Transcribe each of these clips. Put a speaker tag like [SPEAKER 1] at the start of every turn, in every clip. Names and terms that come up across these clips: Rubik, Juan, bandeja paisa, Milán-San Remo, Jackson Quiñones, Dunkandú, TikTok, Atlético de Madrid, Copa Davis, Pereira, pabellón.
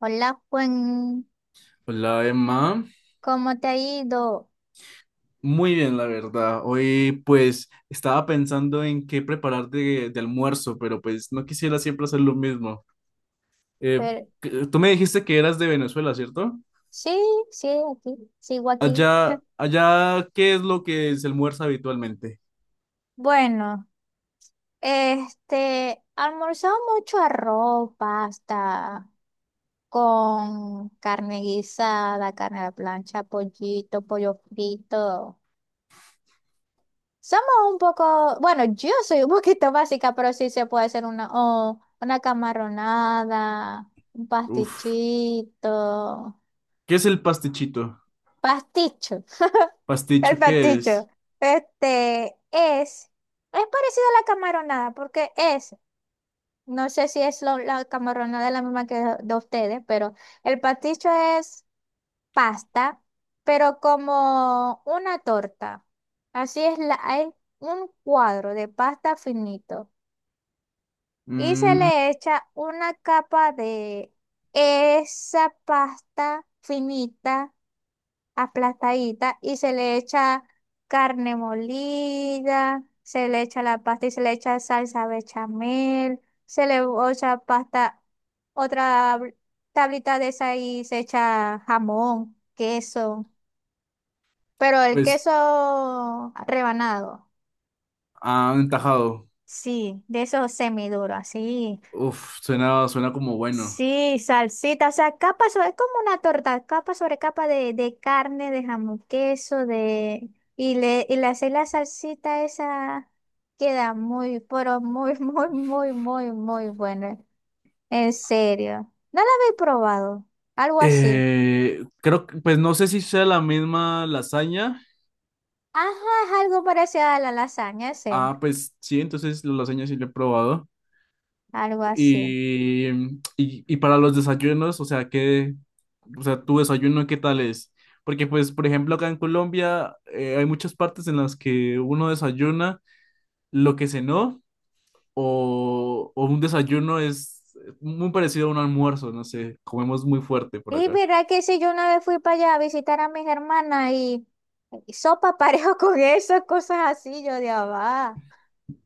[SPEAKER 1] Hola Juan,
[SPEAKER 2] Hola Emma,
[SPEAKER 1] ¿cómo te ha ido?
[SPEAKER 2] muy bien la verdad. Hoy pues estaba pensando en qué preparar de almuerzo, pero pues no quisiera siempre hacer lo mismo. Eh,
[SPEAKER 1] Pero,
[SPEAKER 2] Tú me dijiste que eras de Venezuela, ¿cierto?
[SPEAKER 1] sí, sí, aquí, sigo aquí.
[SPEAKER 2] Allá, allá, ¿qué es lo que se almuerza habitualmente?
[SPEAKER 1] Bueno, almorzamos mucho arroz, pasta, con carne guisada, carne a la plancha, pollito, pollo frito. Somos un poco, bueno, yo soy un poquito básica, pero sí se puede hacer una, o una camaronada, un
[SPEAKER 2] Uf,
[SPEAKER 1] pastichito.
[SPEAKER 2] ¿qué es el pastichito?
[SPEAKER 1] Pasticho. El
[SPEAKER 2] ¿Pasticho qué
[SPEAKER 1] pasticho.
[SPEAKER 2] es?
[SPEAKER 1] Este es parecido a la camaronada, porque es, no sé si es la camaronada es la misma que de ustedes, pero el pasticho es pasta, pero como una torta. Así es, hay un cuadro de pasta finito y se
[SPEAKER 2] Mm,
[SPEAKER 1] le echa una capa de esa pasta finita aplastadita y se le echa carne molida, se le echa la pasta y se le echa salsa bechamel, se le echa pasta, otra tablita de esa y se echa jamón, queso, pero el
[SPEAKER 2] pues,
[SPEAKER 1] queso rebanado,
[SPEAKER 2] ah, un tajado.
[SPEAKER 1] sí, de esos semiduros, así.
[SPEAKER 2] Uf, suena como bueno.
[SPEAKER 1] Sí, salsita, o sea, capa sobre, es como una torta, capa sobre capa de carne, de jamón, queso, de... Y le hacéis la salsita esa, queda muy, pero muy, muy, muy, muy, muy buena. En serio. ¿No la habéis probado? Algo así.
[SPEAKER 2] Creo que, pues no sé si sea la misma lasaña.
[SPEAKER 1] Ajá, es algo parecido a la lasaña, es él.
[SPEAKER 2] Ah, pues sí, entonces la lasaña sí la he probado.
[SPEAKER 1] Algo así.
[SPEAKER 2] Y para los desayunos, o sea, o sea, tu desayuno qué tal es? Porque, pues, por ejemplo, acá en Colombia hay muchas partes en las que uno desayuna lo que cenó o un desayuno es muy parecido a un almuerzo, no sé, comemos muy fuerte por
[SPEAKER 1] Y
[SPEAKER 2] acá.
[SPEAKER 1] mira que si yo una vez fui para allá a visitar a mis hermanas y sopa parejo con esas cosas así, yo de va.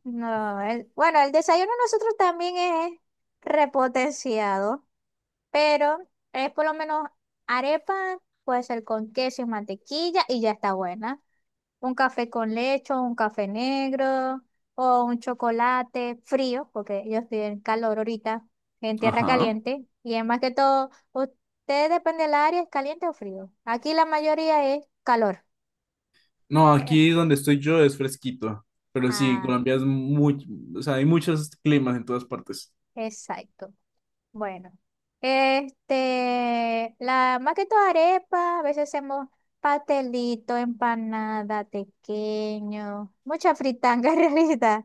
[SPEAKER 1] No, bueno, el desayuno de nosotros también es repotenciado, pero es por lo menos arepa, puede ser con queso y mantequilla y ya está buena. Un café con leche, o un café negro o un chocolate frío, porque yo estoy en calor ahorita, en tierra
[SPEAKER 2] Ajá.
[SPEAKER 1] caliente. Y es más que todo, usted depende del área, ¿es caliente o frío? Aquí la mayoría es calor.
[SPEAKER 2] No,
[SPEAKER 1] Eh,
[SPEAKER 2] aquí donde estoy yo es fresquito, pero sí,
[SPEAKER 1] ah,
[SPEAKER 2] Colombia es muy, o sea, hay muchos climas en todas partes.
[SPEAKER 1] exacto. Bueno, la más que todo arepa, a veces hacemos pastelito, empanada, tequeño, mucha fritanga en realidad.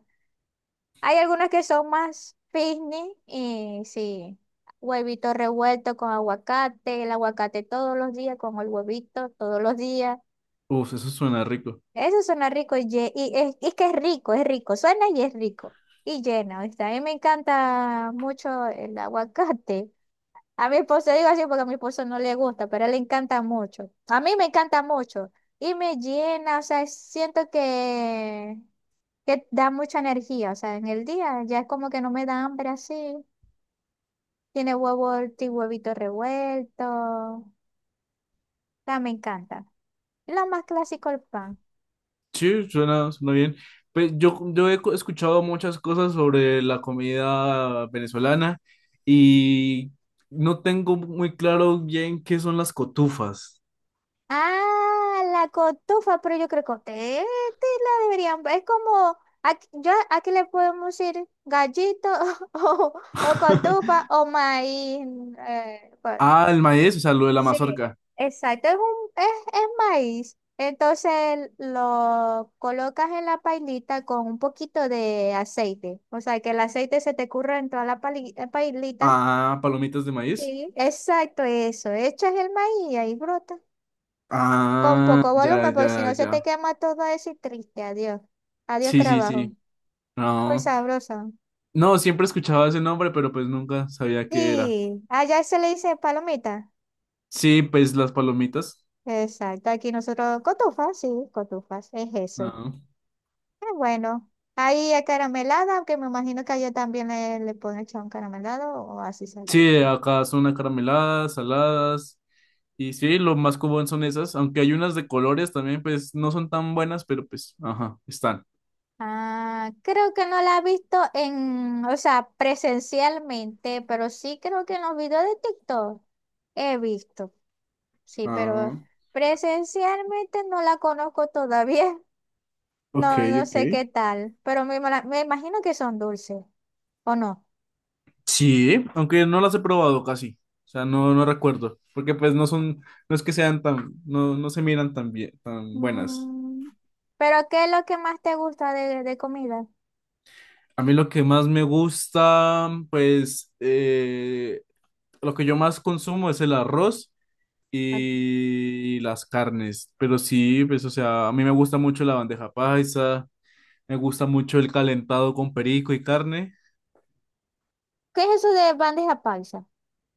[SPEAKER 1] Hay algunas que son más picnic y sí, huevito revuelto con aguacate, el aguacate todos los días con el huevito todos los días.
[SPEAKER 2] Uf, eso suena rico.
[SPEAKER 1] Eso suena rico y, y es que es rico, suena y es rico y llena. ¿Viste? A mí me encanta mucho el aguacate. A mi esposo, digo así porque a mi esposo no le gusta, pero a él le encanta mucho. A mí me encanta mucho y me llena, o sea, siento que da mucha energía, o sea, en el día ya es como que no me da hambre así. Tiene huevo, huevito revuelto, o sea, me encanta. Y lo más clásico, el pan.
[SPEAKER 2] Sí, suena, suena bien. Pues yo he escuchado muchas cosas sobre la comida venezolana y no tengo muy claro bien qué son las cotufas.
[SPEAKER 1] Ah, la cotufa, pero yo creo que ustedes la deberían. Es como, aquí le podemos decir gallito o, o cotufa o maíz. eh, bueno,
[SPEAKER 2] Ah, el maíz, o sea, lo de la
[SPEAKER 1] sí,
[SPEAKER 2] mazorca.
[SPEAKER 1] exacto, es maíz. Entonces lo colocas en la pailita con un poquito de aceite. O sea, que el aceite se te curra en toda la pailita.
[SPEAKER 2] Ah, palomitas de maíz.
[SPEAKER 1] Sí, exacto, eso. Echas el maíz y ahí brota. Con
[SPEAKER 2] Ah,
[SPEAKER 1] poco
[SPEAKER 2] ya,
[SPEAKER 1] volumen, porque
[SPEAKER 2] ya,
[SPEAKER 1] si no se
[SPEAKER 2] ya.
[SPEAKER 1] te quema todo eso y triste. Adiós. Adiós,
[SPEAKER 2] Sí, sí,
[SPEAKER 1] trabajo.
[SPEAKER 2] sí.
[SPEAKER 1] Muy
[SPEAKER 2] No,
[SPEAKER 1] sabroso.
[SPEAKER 2] no, siempre escuchaba ese nombre, pero pues nunca sabía qué era.
[SPEAKER 1] Y allá se le dice palomita.
[SPEAKER 2] Sí, pues las palomitas.
[SPEAKER 1] Exacto. Aquí nosotros, cotufas, sí, cotufas. Es eso.
[SPEAKER 2] Ah.
[SPEAKER 1] Es bueno. Ahí es caramelada, aunque me imagino que allá también le pueden echar un caramelado o así
[SPEAKER 2] Sí,
[SPEAKER 1] saladita.
[SPEAKER 2] acá son acarameladas, saladas. Y sí, lo más común son esas, aunque hay unas de colores también, pues no son tan buenas, pero pues, ajá, están.
[SPEAKER 1] Ah, creo que no la he visto en, o sea, presencialmente, pero sí creo que en los videos de TikTok he visto. Sí, pero
[SPEAKER 2] Ah,
[SPEAKER 1] presencialmente no la conozco todavía.
[SPEAKER 2] ok,
[SPEAKER 1] No, no
[SPEAKER 2] ok.
[SPEAKER 1] sé qué tal, pero me imagino que son dulces, ¿o no?
[SPEAKER 2] Sí, aunque no las he probado casi, o sea, no, no recuerdo, porque pues no son, no es que sean tan, no, no se miran tan bien, tan buenas.
[SPEAKER 1] Mm. Pero ¿qué es lo que más te gusta de comida?
[SPEAKER 2] A mí lo que más me gusta, pues, lo que yo más consumo es el arroz
[SPEAKER 1] Ok.
[SPEAKER 2] y las carnes, pero sí, pues, o sea, a mí me gusta mucho la bandeja paisa. Me gusta mucho el calentado con perico y carne.
[SPEAKER 1] ¿Qué es eso de bandeja paisa?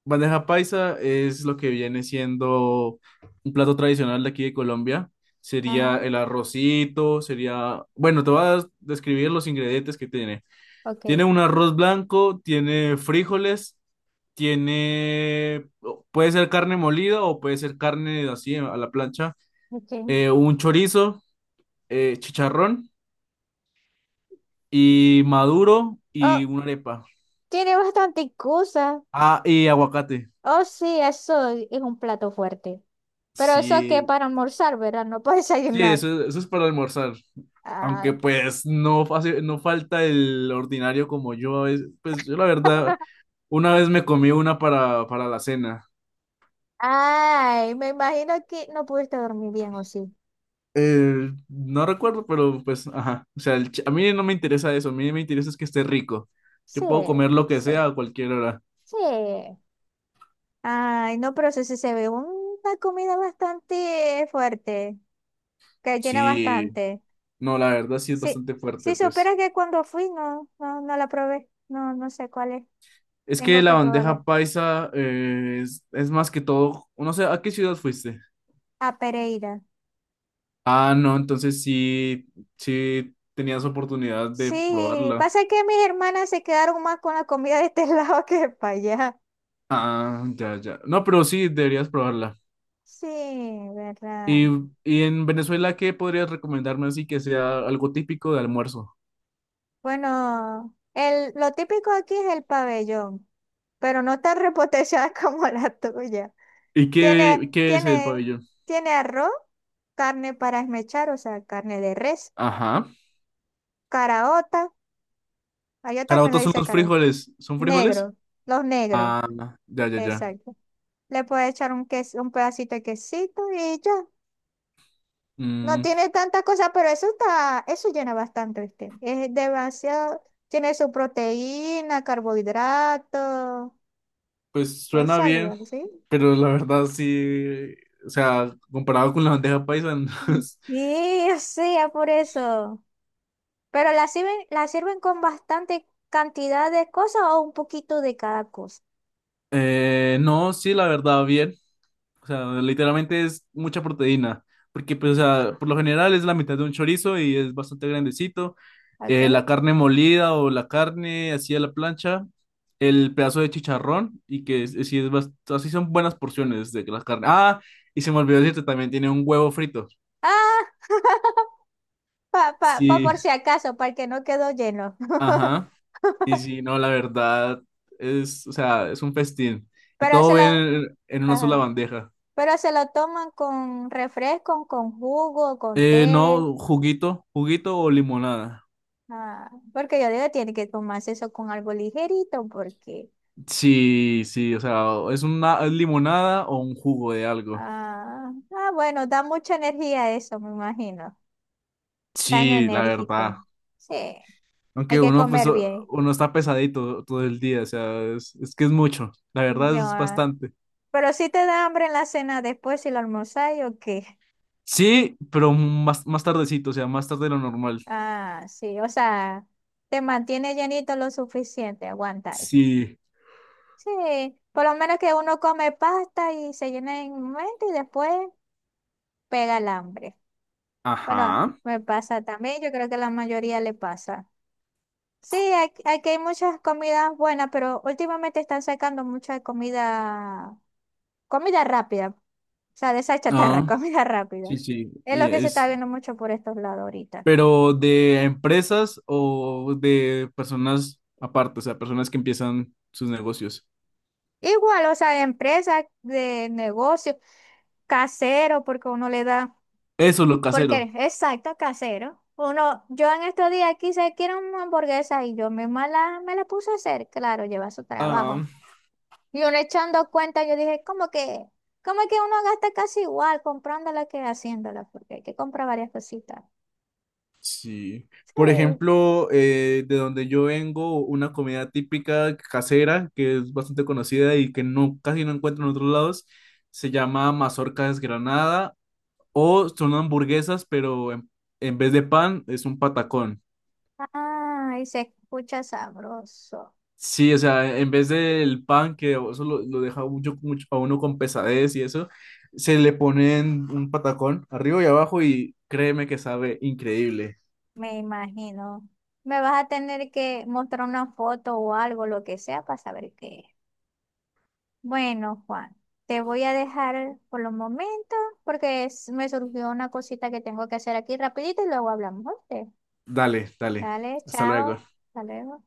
[SPEAKER 2] Bandeja paisa es lo que viene siendo un plato tradicional de aquí de Colombia. Sería
[SPEAKER 1] Ajá,
[SPEAKER 2] el arrocito, sería. Bueno, te voy a describir los ingredientes que tiene.
[SPEAKER 1] ok,
[SPEAKER 2] Tiene un arroz blanco, tiene frijoles, tiene. Puede ser carne molida o puede ser carne así a la plancha.
[SPEAKER 1] ok.
[SPEAKER 2] Un chorizo, chicharrón y maduro
[SPEAKER 1] Oh,
[SPEAKER 2] y una arepa.
[SPEAKER 1] tiene bastante cosa.
[SPEAKER 2] Ah, y aguacate.
[SPEAKER 1] Oh, sí, eso es un plato fuerte. Pero eso que
[SPEAKER 2] Sí,
[SPEAKER 1] para almorzar, ¿verdad? No para
[SPEAKER 2] Sí,
[SPEAKER 1] desayunar.
[SPEAKER 2] eso es para almorzar. Aunque
[SPEAKER 1] Ay.
[SPEAKER 2] pues no, no falta el ordinario como yo a veces. Pues yo la verdad, una vez me comí una para la cena.
[SPEAKER 1] Ay, me imagino que no pudiste dormir bien, ¿o sí?
[SPEAKER 2] No recuerdo, pero pues, ajá. O sea, a mí no me interesa eso, a mí me interesa es que esté rico.
[SPEAKER 1] Sí,
[SPEAKER 2] Yo puedo comer lo que
[SPEAKER 1] sí,
[SPEAKER 2] sea a cualquier hora.
[SPEAKER 1] sí. Ay, no, pero sí, sí se ve una comida bastante fuerte, que llena
[SPEAKER 2] Sí,
[SPEAKER 1] bastante.
[SPEAKER 2] no, la verdad sí es
[SPEAKER 1] Sí,
[SPEAKER 2] bastante fuerte,
[SPEAKER 1] sí, supieras
[SPEAKER 2] pues.
[SPEAKER 1] que cuando fui no, no, no la probé. No, no sé cuál es.
[SPEAKER 2] Es que
[SPEAKER 1] Tengo
[SPEAKER 2] la
[SPEAKER 1] que probarla.
[SPEAKER 2] bandeja paisa es más que todo, no sé, ¿a qué ciudad fuiste?
[SPEAKER 1] A Pereira.
[SPEAKER 2] Ah, no, entonces sí, sí tenías oportunidad de
[SPEAKER 1] Sí,
[SPEAKER 2] probarla.
[SPEAKER 1] pasa que mis hermanas se quedaron más con la comida de este lado que para allá.
[SPEAKER 2] Ah, ya, ya. No, pero sí, deberías probarla.
[SPEAKER 1] Sí, verdad.
[SPEAKER 2] Y, y en Venezuela, ¿qué podrías recomendarme así que sea algo típico de almuerzo?
[SPEAKER 1] Bueno, lo típico aquí es el pabellón, pero no tan repotenciada como la tuya.
[SPEAKER 2] ¿Y
[SPEAKER 1] Tiene,
[SPEAKER 2] qué, qué es el
[SPEAKER 1] tiene,
[SPEAKER 2] pabellón?
[SPEAKER 1] tiene arroz, carne para esmechar, o sea, carne de res,
[SPEAKER 2] Ajá.
[SPEAKER 1] caraota, allá también le
[SPEAKER 2] Carabotas son
[SPEAKER 1] dice
[SPEAKER 2] los
[SPEAKER 1] caraota,
[SPEAKER 2] frijoles. ¿Son frijoles?
[SPEAKER 1] negro, los negros,
[SPEAKER 2] Ah, ya, ya, ya.
[SPEAKER 1] exacto. Le puede echar un queso, un pedacito de quesito y ya. No
[SPEAKER 2] Mm,
[SPEAKER 1] tiene tanta cosa, pero eso está, eso llena bastante, ¿viste? Es demasiado, tiene su proteína, carbohidrato,
[SPEAKER 2] pues
[SPEAKER 1] es
[SPEAKER 2] suena bien,
[SPEAKER 1] saludable, ¿sí?
[SPEAKER 2] pero la verdad sí, o sea, comparado con la bandeja paisa, no
[SPEAKER 1] Mm.
[SPEAKER 2] es-
[SPEAKER 1] Y o sea, por eso. Pero la sirven con bastante cantidad de cosas o un poquito de cada cosa.
[SPEAKER 2] no, sí, la verdad, bien. O sea, literalmente es mucha proteína, porque pues, o sea, por lo general es la mitad de un chorizo y es bastante grandecito. La
[SPEAKER 1] ¿Ok?
[SPEAKER 2] carne molida o la carne así a la plancha, el pedazo de chicharrón y que es, sí es así son buenas porciones de la carne. Ah, y se me olvidó decirte, también tiene un huevo frito.
[SPEAKER 1] Ah, pa
[SPEAKER 2] Sí,
[SPEAKER 1] por si acaso, para que no quedó lleno.
[SPEAKER 2] ajá. Y sí, no, la verdad es, o sea, es un festín. Y
[SPEAKER 1] Pero se
[SPEAKER 2] todo
[SPEAKER 1] lo,
[SPEAKER 2] bien en una sola
[SPEAKER 1] ajá.
[SPEAKER 2] bandeja.
[SPEAKER 1] Pero se lo toman con refresco, con jugo, con té.
[SPEAKER 2] No, juguito, juguito o limonada.
[SPEAKER 1] Ah, porque yo digo, tiene que tomarse eso con algo ligerito, porque.
[SPEAKER 2] Sí, sí, o sea, o es una es limonada o un jugo de algo.
[SPEAKER 1] Ah, ah, bueno, da mucha energía eso, me imagino. Tan
[SPEAKER 2] Sí, la
[SPEAKER 1] enérgico.
[SPEAKER 2] verdad.
[SPEAKER 1] Sí, hay
[SPEAKER 2] Aunque
[SPEAKER 1] que
[SPEAKER 2] uno, pues,
[SPEAKER 1] comer
[SPEAKER 2] o-
[SPEAKER 1] bien.
[SPEAKER 2] uno está pesadito todo el día, o sea, es que es mucho. La verdad es
[SPEAKER 1] No,
[SPEAKER 2] bastante.
[SPEAKER 1] pero si te da hambre en la cena después si lo almorzáis o qué.
[SPEAKER 2] Sí, pero más, más tardecito, o sea, más tarde de lo normal.
[SPEAKER 1] Ah, sí, o sea, te mantiene llenito lo suficiente, aguantáis.
[SPEAKER 2] Sí,
[SPEAKER 1] Sí, por lo menos que uno come pasta y se llena en un momento y después pega el hambre. Bueno,
[SPEAKER 2] ajá.
[SPEAKER 1] me pasa también, yo creo que a la mayoría le pasa. Sí, aquí hay muchas comidas buenas, pero últimamente están sacando mucha comida, comida rápida, o sea, de esa chatarra,
[SPEAKER 2] Ah,
[SPEAKER 1] comida rápida.
[SPEAKER 2] sí, sí.
[SPEAKER 1] Es
[SPEAKER 2] Y
[SPEAKER 1] lo que se está
[SPEAKER 2] es,
[SPEAKER 1] viendo mucho por estos lados ahorita.
[SPEAKER 2] pero de empresas o de personas aparte, o sea, personas que empiezan sus negocios.
[SPEAKER 1] Igual, o sea, de empresa, de negocio, casero, porque uno le da,
[SPEAKER 2] Eso, lo
[SPEAKER 1] porque,
[SPEAKER 2] casero.
[SPEAKER 1] exacto, casero. Yo en estos días quise, quiero una hamburguesa y yo misma la, me la puse a hacer, claro, lleva su trabajo. Y uno echando cuenta, yo dije, ¿cómo que uno gasta casi igual comprándola que haciéndola? Porque hay que comprar varias cositas.
[SPEAKER 2] Sí. Por
[SPEAKER 1] Sí.
[SPEAKER 2] ejemplo, de donde yo vengo, una comida típica casera que es bastante conocida y que no, casi no encuentro en otros lados, se llama mazorca desgranada o son hamburguesas, pero en vez de pan es un patacón.
[SPEAKER 1] Ay, se escucha sabroso.
[SPEAKER 2] Sí, o sea, en vez del pan que eso lo deja mucho, mucho a uno con pesadez y eso, se le ponen un patacón arriba y abajo y créeme que sabe increíble.
[SPEAKER 1] Me imagino. Me vas a tener que mostrar una foto o algo, lo que sea, para saber qué es. Bueno, Juan, te voy a dejar por los momentos porque me surgió una cosita que tengo que hacer aquí rapidito y luego hablamos. ¿Oíste?
[SPEAKER 2] Dale, dale.
[SPEAKER 1] Dale,
[SPEAKER 2] Hasta luego.
[SPEAKER 1] chao. Hasta luego.